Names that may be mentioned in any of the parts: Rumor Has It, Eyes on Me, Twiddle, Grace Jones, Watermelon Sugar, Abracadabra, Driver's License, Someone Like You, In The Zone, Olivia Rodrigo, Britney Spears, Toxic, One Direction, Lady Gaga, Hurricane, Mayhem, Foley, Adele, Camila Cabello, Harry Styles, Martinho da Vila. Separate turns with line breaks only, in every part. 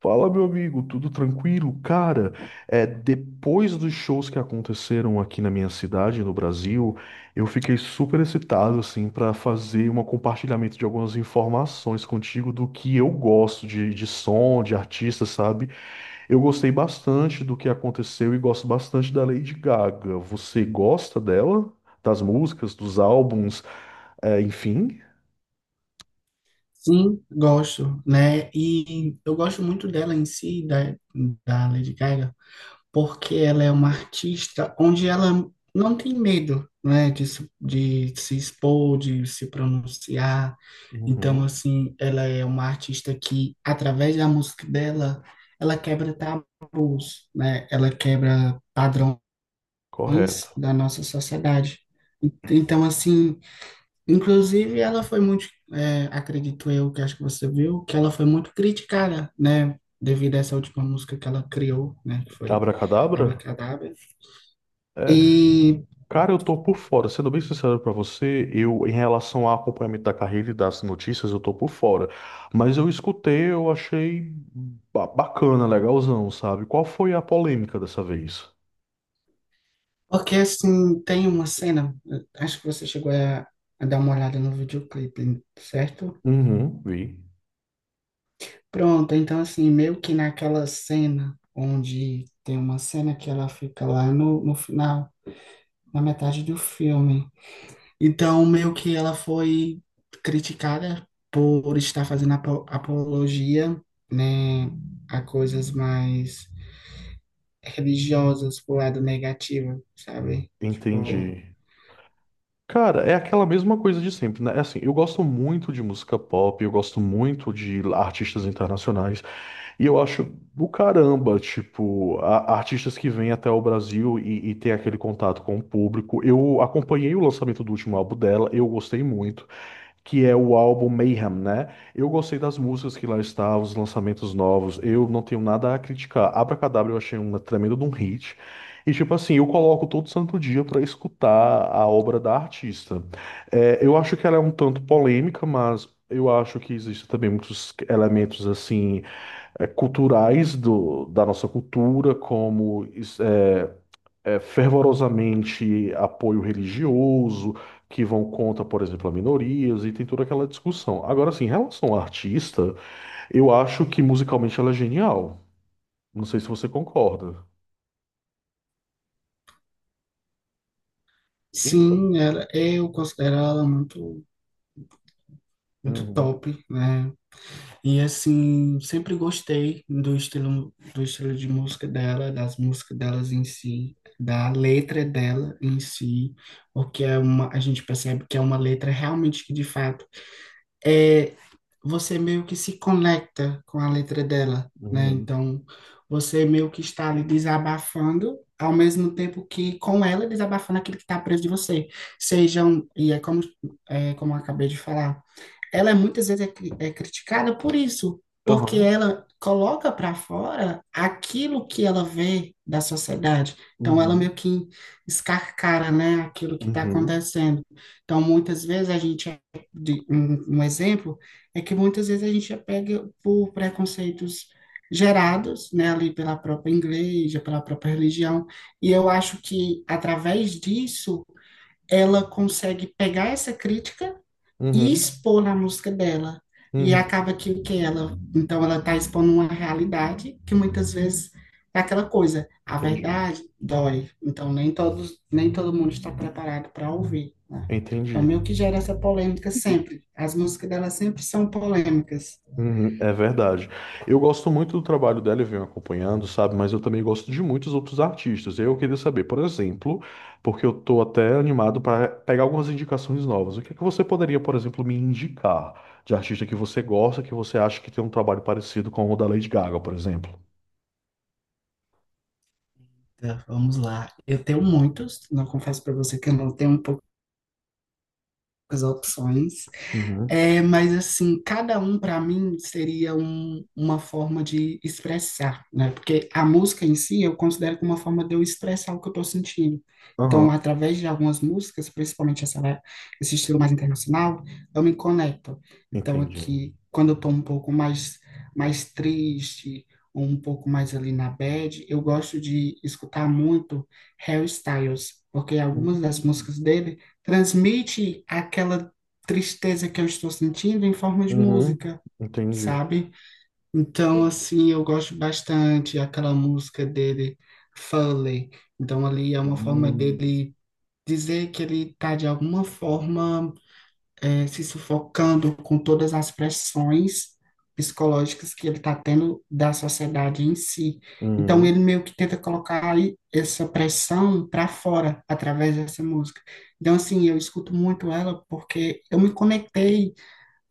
Fala, meu amigo, tudo tranquilo? Cara, depois dos shows que aconteceram aqui na minha cidade, no Brasil, eu fiquei super excitado, assim, para fazer um compartilhamento de algumas informações contigo do que eu gosto de som, de artista, sabe? Eu gostei bastante do que aconteceu e gosto bastante da Lady Gaga. Você gosta dela? Das músicas, dos álbuns, enfim?
Sim, gosto, né? E eu gosto muito dela em si, da, da Lady Gaga, porque ela é uma artista onde ela não tem medo, né, de, de se expor, de se pronunciar. Então,
Uhum.
assim, ela é uma artista que, através da música dela, ela quebra tabus, né? Ela quebra padrões
Correto.
da nossa sociedade. Então, assim. Inclusive, ela foi muito, acredito eu, que acho que você viu, que ela foi muito criticada, né, devido a essa última música que ela criou, né, que foi
Abracadabra?
Abracadabra.
É.
E
Cara, eu tô por fora. Sendo bem sincero pra você, eu, em relação ao acompanhamento da carreira e das notícias, eu tô por fora. Mas eu escutei, eu achei bacana, legalzão, sabe? Qual foi a polêmica dessa vez?
porque, assim, tem uma cena, acho que você chegou a dar uma olhada no videoclipe, certo?
Uhum, vi.
Pronto, então, assim, meio que naquela cena onde tem uma cena que ela fica lá no final, na metade do filme. Então, meio que ela foi criticada por estar fazendo apologia, né, a coisas mais religiosas pro lado negativo, sabe? Tipo,
Entendi. Cara, é aquela mesma coisa de sempre, né? É Assim, eu gosto muito de música pop, eu gosto muito de artistas internacionais. E eu acho do caramba, tipo, artistas que vêm até o Brasil e têm aquele contato com o público. Eu acompanhei o lançamento do último álbum dela, eu gostei muito, que é o álbum Mayhem, né? Eu gostei das músicas que lá estavam, os lançamentos novos, eu não tenho nada a criticar. Abracadabra eu achei uma tremenda de um hit. E, tipo assim, eu coloco todo santo dia pra escutar a obra da artista. É, eu acho que ela é um tanto polêmica, mas eu acho que existem também muitos elementos, assim, culturais da nossa cultura, como fervorosamente apoio religioso, que vão contra, por exemplo, a minorias, e tem toda aquela discussão. Agora, assim, em relação à artista, eu acho que musicalmente ela é genial. Não sei se você concorda. Então,
sim, ela, eu considero ela muito
uhum,
top, né? E assim, sempre gostei do estilo de música dela, das músicas delas em si, da letra dela em si, porque é uma, a gente percebe que é uma letra realmente que de fato é, você meio que se conecta com a letra dela, né?
uhum,
Então, você meio que está ali desabafando, ao mesmo tempo que com ela desabafando aquilo que está preso de você. Sejam, e é como eu acabei de falar, ela é muitas vezes é criticada por isso, porque
aham,
ela coloca para fora aquilo que ela vê da sociedade. Então, ela meio
uhum,
que escarcara, né, aquilo que está
uhum,
acontecendo. Então, muitas vezes a gente, um exemplo é que muitas vezes a gente é pega por preconceitos gerados, né, ali pela própria igreja, pela própria religião. E eu acho que através disso ela consegue pegar essa crítica e
uhum,
expor na música dela. E
uhum.
acaba que ela, então ela está expondo uma realidade que muitas vezes é aquela coisa, a
Entendi,
verdade dói. Então nem todos, nem todo mundo está preparado para ouvir, né? Então
entendi.
meio que gera essa polêmica sempre. As músicas dela sempre são polêmicas.
Uhum, é verdade. Eu gosto muito do trabalho dela e venho acompanhando, sabe? Mas eu também gosto de muitos outros artistas. Eu queria saber, por exemplo, porque eu tô até animado para pegar algumas indicações novas. O que é que você poderia, por exemplo, me indicar de artista que você gosta, que você acha que tem um trabalho parecido com o da Lady Gaga, por exemplo?
Tá, vamos lá. Eu tenho muitos, não confesso para você que eu não tenho um pouco poucas opções.
Uhum.
É, mas assim, cada um para mim seria uma forma de expressar, né? Porque a música em si eu considero como uma forma de eu expressar o que eu estou sentindo. Então,
Aham,
através de algumas músicas, principalmente essa, né, esse estilo mais internacional, eu me conecto. Então,
entendi.
aqui, quando eu estou um pouco mais, mais triste, ou um pouco mais ali na bad, eu gosto de escutar muito Harry Styles, porque algumas
Hum.
das músicas dele transmite aquela tristeza que eu estou sentindo em forma de
Uhum,
música,
entendi.
sabe? Então, assim, eu gosto bastante aquela música dele, Foley. Então, ali é uma forma
Hum.
dele dizer que ele está, de alguma forma, se sufocando com todas as pressões psicológicas que ele está tendo da sociedade em si. Então,
Uhum.
ele meio que tenta colocar aí essa pressão para fora através dessa música. Então, assim, eu escuto muito ela porque eu me conectei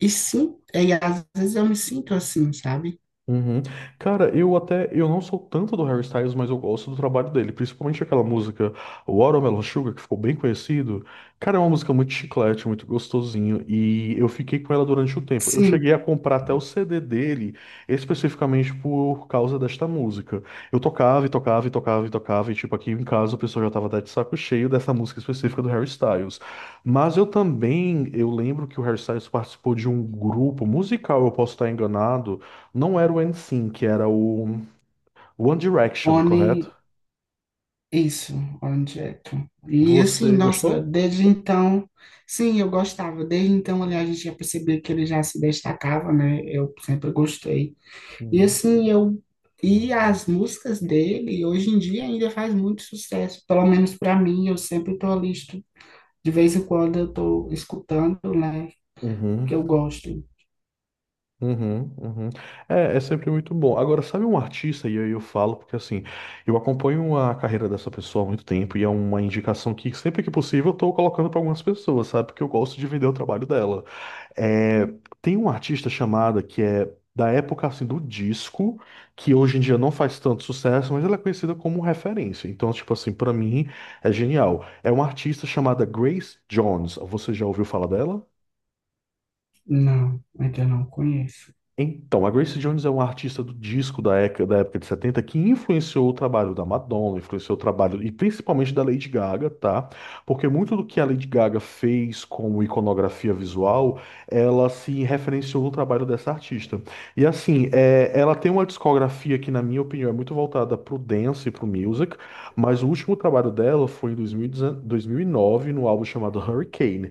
e sim, e às vezes eu me sinto assim, sabe?
Uhum. Cara, eu até eu não sou tanto do Harry Styles, mas eu gosto do trabalho dele, principalmente aquela música Watermelon Sugar, que ficou bem conhecido. Cara, é uma música muito chiclete, muito gostosinho, e eu fiquei com ela durante o tempo. Eu
Sim,
cheguei a comprar até o CD dele, especificamente por causa desta música. Eu tocava e tocava e tocava e tocava, e tipo, aqui em casa o pessoal já tava até de saco cheio dessa música específica do Harry Styles. Mas eu também, eu lembro que o Harry Styles participou de um grupo musical, eu posso estar enganado, não era o NSYNC, era o One Direction,
Oni,
correto?
isso, Oni direto. E assim,
Você
nossa,
gostou?
desde então, sim, eu gostava. Desde então, aliás, a gente já percebia que ele já se destacava, né? Eu sempre gostei. E
Uhum.
assim, eu. E as músicas dele, hoje em dia, ainda faz muito sucesso. Pelo menos para mim, eu sempre tô ali, de vez em quando eu tô escutando, né?
Uhum,
Porque eu gosto.
uhum, uhum. É, é sempre muito bom. Agora, sabe um artista, e aí eu falo, porque assim, eu acompanho a carreira dessa pessoa há muito tempo e é uma indicação que sempre que possível eu tô colocando para algumas pessoas, sabe? Porque eu gosto de vender o trabalho dela. É, tem um artista chamada que é da época assim do disco, que hoje em dia não faz tanto sucesso, mas ela é conhecida como referência. Então, tipo assim, pra mim é genial. É uma artista chamada Grace Jones. Você já ouviu falar dela?
Não, ainda não conheço.
Então, a Grace Jones é uma artista do disco da época de 70, que influenciou o trabalho da Madonna, influenciou o trabalho e principalmente da Lady Gaga, tá? Porque muito do que a Lady Gaga fez como iconografia visual, ela se referenciou no trabalho dessa artista. E assim, é, ela tem uma discografia que, na minha opinião, é muito voltada pro dance e pro music, mas o último trabalho dela foi em 2019, no álbum chamado Hurricane.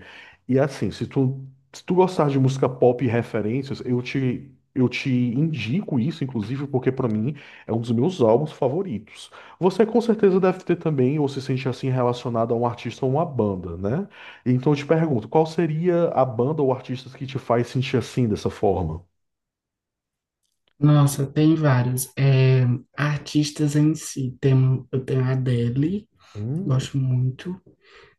E assim, se tu gostar de música pop e referências, eu te indico isso, inclusive, porque pra mim é um dos meus álbuns favoritos. Você com certeza deve ter também, ou se sente assim relacionado a um artista ou uma banda, né? Então eu te pergunto, qual seria a banda ou artista que te faz sentir assim dessa forma?
Nossa, tem vários. É, artistas em si, tem, um, eu tenho a Adele,
Hum,
gosto muito.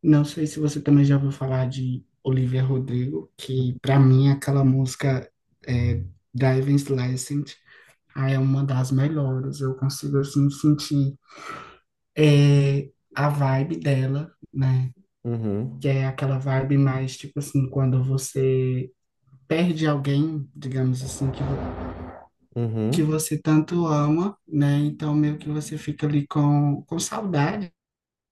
Não sei se você também já ouviu falar de Olivia Rodrigo, que para mim é aquela música é, Driving License, ah, é uma das melhores. Eu consigo assim sentir, a vibe dela, né? Que
uhum,
é aquela vibe mais tipo assim, quando você perde alguém, digamos assim, que
uhum,
você tanto ama, né? Então, meio que você fica ali com saudades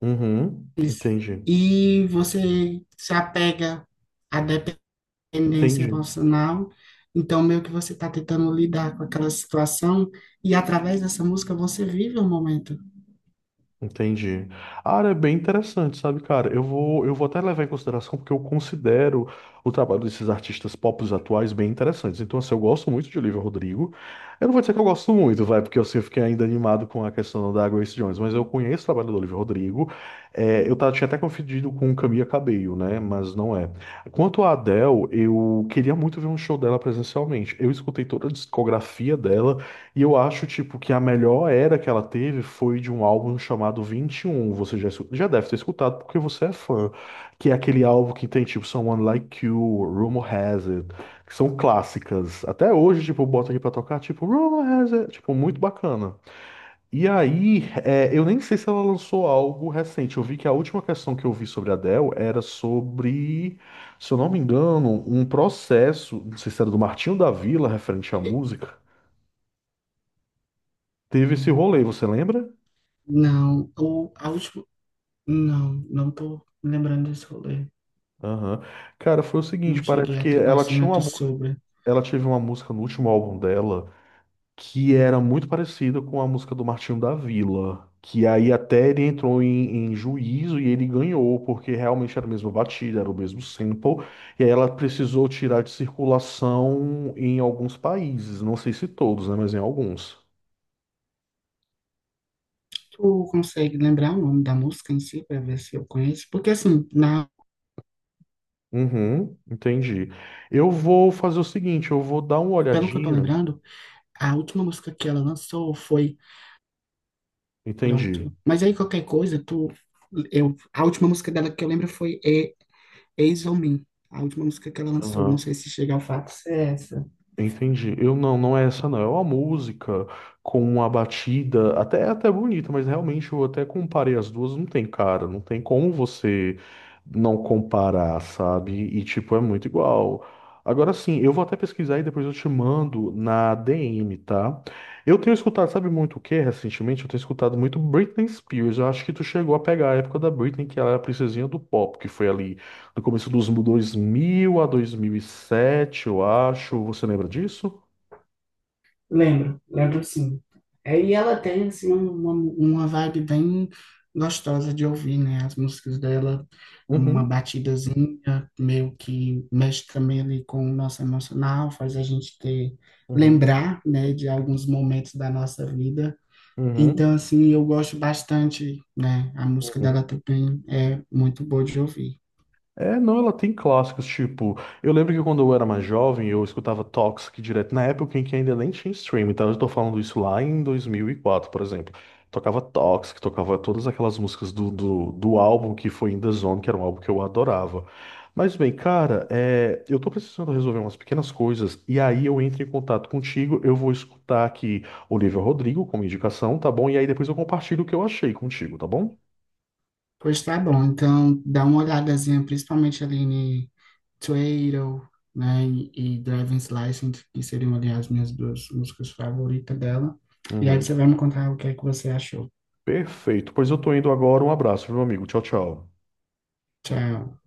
uhum, entendi,
e você se apega à dependência
entendi.
emocional. Então, meio que você está tentando lidar com aquela situação e através dessa música você vive o momento.
Entendi. A área é bem interessante, sabe, cara? Eu vou até levar em consideração porque eu considero o trabalho desses artistas pop atuais bem interessantes. Então, assim, eu gosto muito de Olivia Rodrigo. Eu não vou dizer que eu gosto muito, vai, porque assim, eu fiquei ainda animado com a questão da Grace Jones, mas eu conheço o trabalho do Olivia Rodrigo. É, eu tava, tinha até confundido com Camila Cabello, né? Mas não é. Quanto à Adele, eu queria muito ver um show dela presencialmente. Eu escutei toda a discografia dela. E eu acho, tipo, que a melhor era que ela teve foi de um álbum chamado 21. Você já, já deve ter escutado porque você é fã. Que é aquele álbum que tem, tipo, Someone Like You, Rumor Has It, que são clássicas. Até hoje, tipo, eu boto aqui pra tocar, tipo, Rumor Has It, tipo, muito bacana. E aí, é, eu nem sei se ela lançou algo recente. Eu vi que a última questão que eu vi sobre a Adele era sobre, se eu não me engano, um processo, não sei se era do Martinho da Vila, referente à
E-
música. Teve esse rolê, você lembra?
não, ou a última. Não, não tô me lembrando desse rolê.
Aham. Cara, foi o seguinte,
Não
parece
cheguei a
que
ter
ela tinha uma
conhecimento sobre.
ela teve uma música no último álbum dela que era muito parecida com a música do Martinho da Vila, que aí até ele entrou em juízo e ele ganhou, porque realmente era a mesma batida, era o mesmo sample, e aí ela precisou tirar de circulação em alguns países, não sei se todos, né, mas em alguns.
Tu consegue lembrar o nome da música em si, para ver se eu conheço? Porque, assim, na,
Uhum, entendi. Eu vou fazer o seguinte, eu vou dar uma
pelo que eu tô
olhadinha,
lembrando. A última música que ela lançou foi.
entendi.
Pronto. Mas aí qualquer coisa, tu. Eu, a última música dela que eu lembro foi E- Eyes on Me. A última música que ela lançou. Não
Aham.
sei se chega ao fato. Se é essa.
Entendi. Eu não, não é essa não. É uma música com uma batida até bonita, mas realmente eu até comparei as duas, não tem, cara, não tem como você não comparar, sabe? E tipo, é muito igual. Agora sim, eu vou até pesquisar e depois eu te mando na DM, tá? Eu tenho escutado, sabe muito o que recentemente? Eu tenho escutado muito Britney Spears. Eu acho que tu chegou a pegar a época da Britney, que ela era a princesinha do pop, que foi ali no começo dos 2000 a 2007, eu acho. Você lembra disso?
Lembro, lembro sim. É, e ela tem, assim, uma vibe bem gostosa de ouvir, né? As músicas dela, é uma
Uhum,
batidazinha, meio que mexe também ali com o nosso emocional, faz a gente ter,
uhum,
lembrar, né, de alguns momentos da nossa vida. Então,
uhum,
assim, eu gosto bastante, né? A música
uhum.
dela também é muito boa de ouvir.
É, não, ela tem clássicos, tipo, eu lembro que quando eu era mais jovem, eu escutava Toxic direto, na época em que ainda nem tinha streaming, então eu tô falando isso lá em 2004, por exemplo. Tocava Toxic, tocava todas aquelas músicas do álbum que foi In The Zone, que era um álbum que eu adorava. Mas bem, cara, é, eu tô precisando resolver umas pequenas coisas, e aí eu entro em contato contigo, eu vou escutar aqui Olivia Rodrigo como indicação, tá bom? E aí depois eu compartilho o que eu achei contigo, tá bom?
Pois tá bom, então dá uma olhadazinha, principalmente ali em Twiddle, né? E Driver's License, que seriam ali as minhas duas músicas favoritas dela. E aí você
Uhum.
vai me contar o que é que você achou.
Perfeito. Pois eu tô indo agora. Um abraço, meu amigo. Tchau, tchau.
Tchau.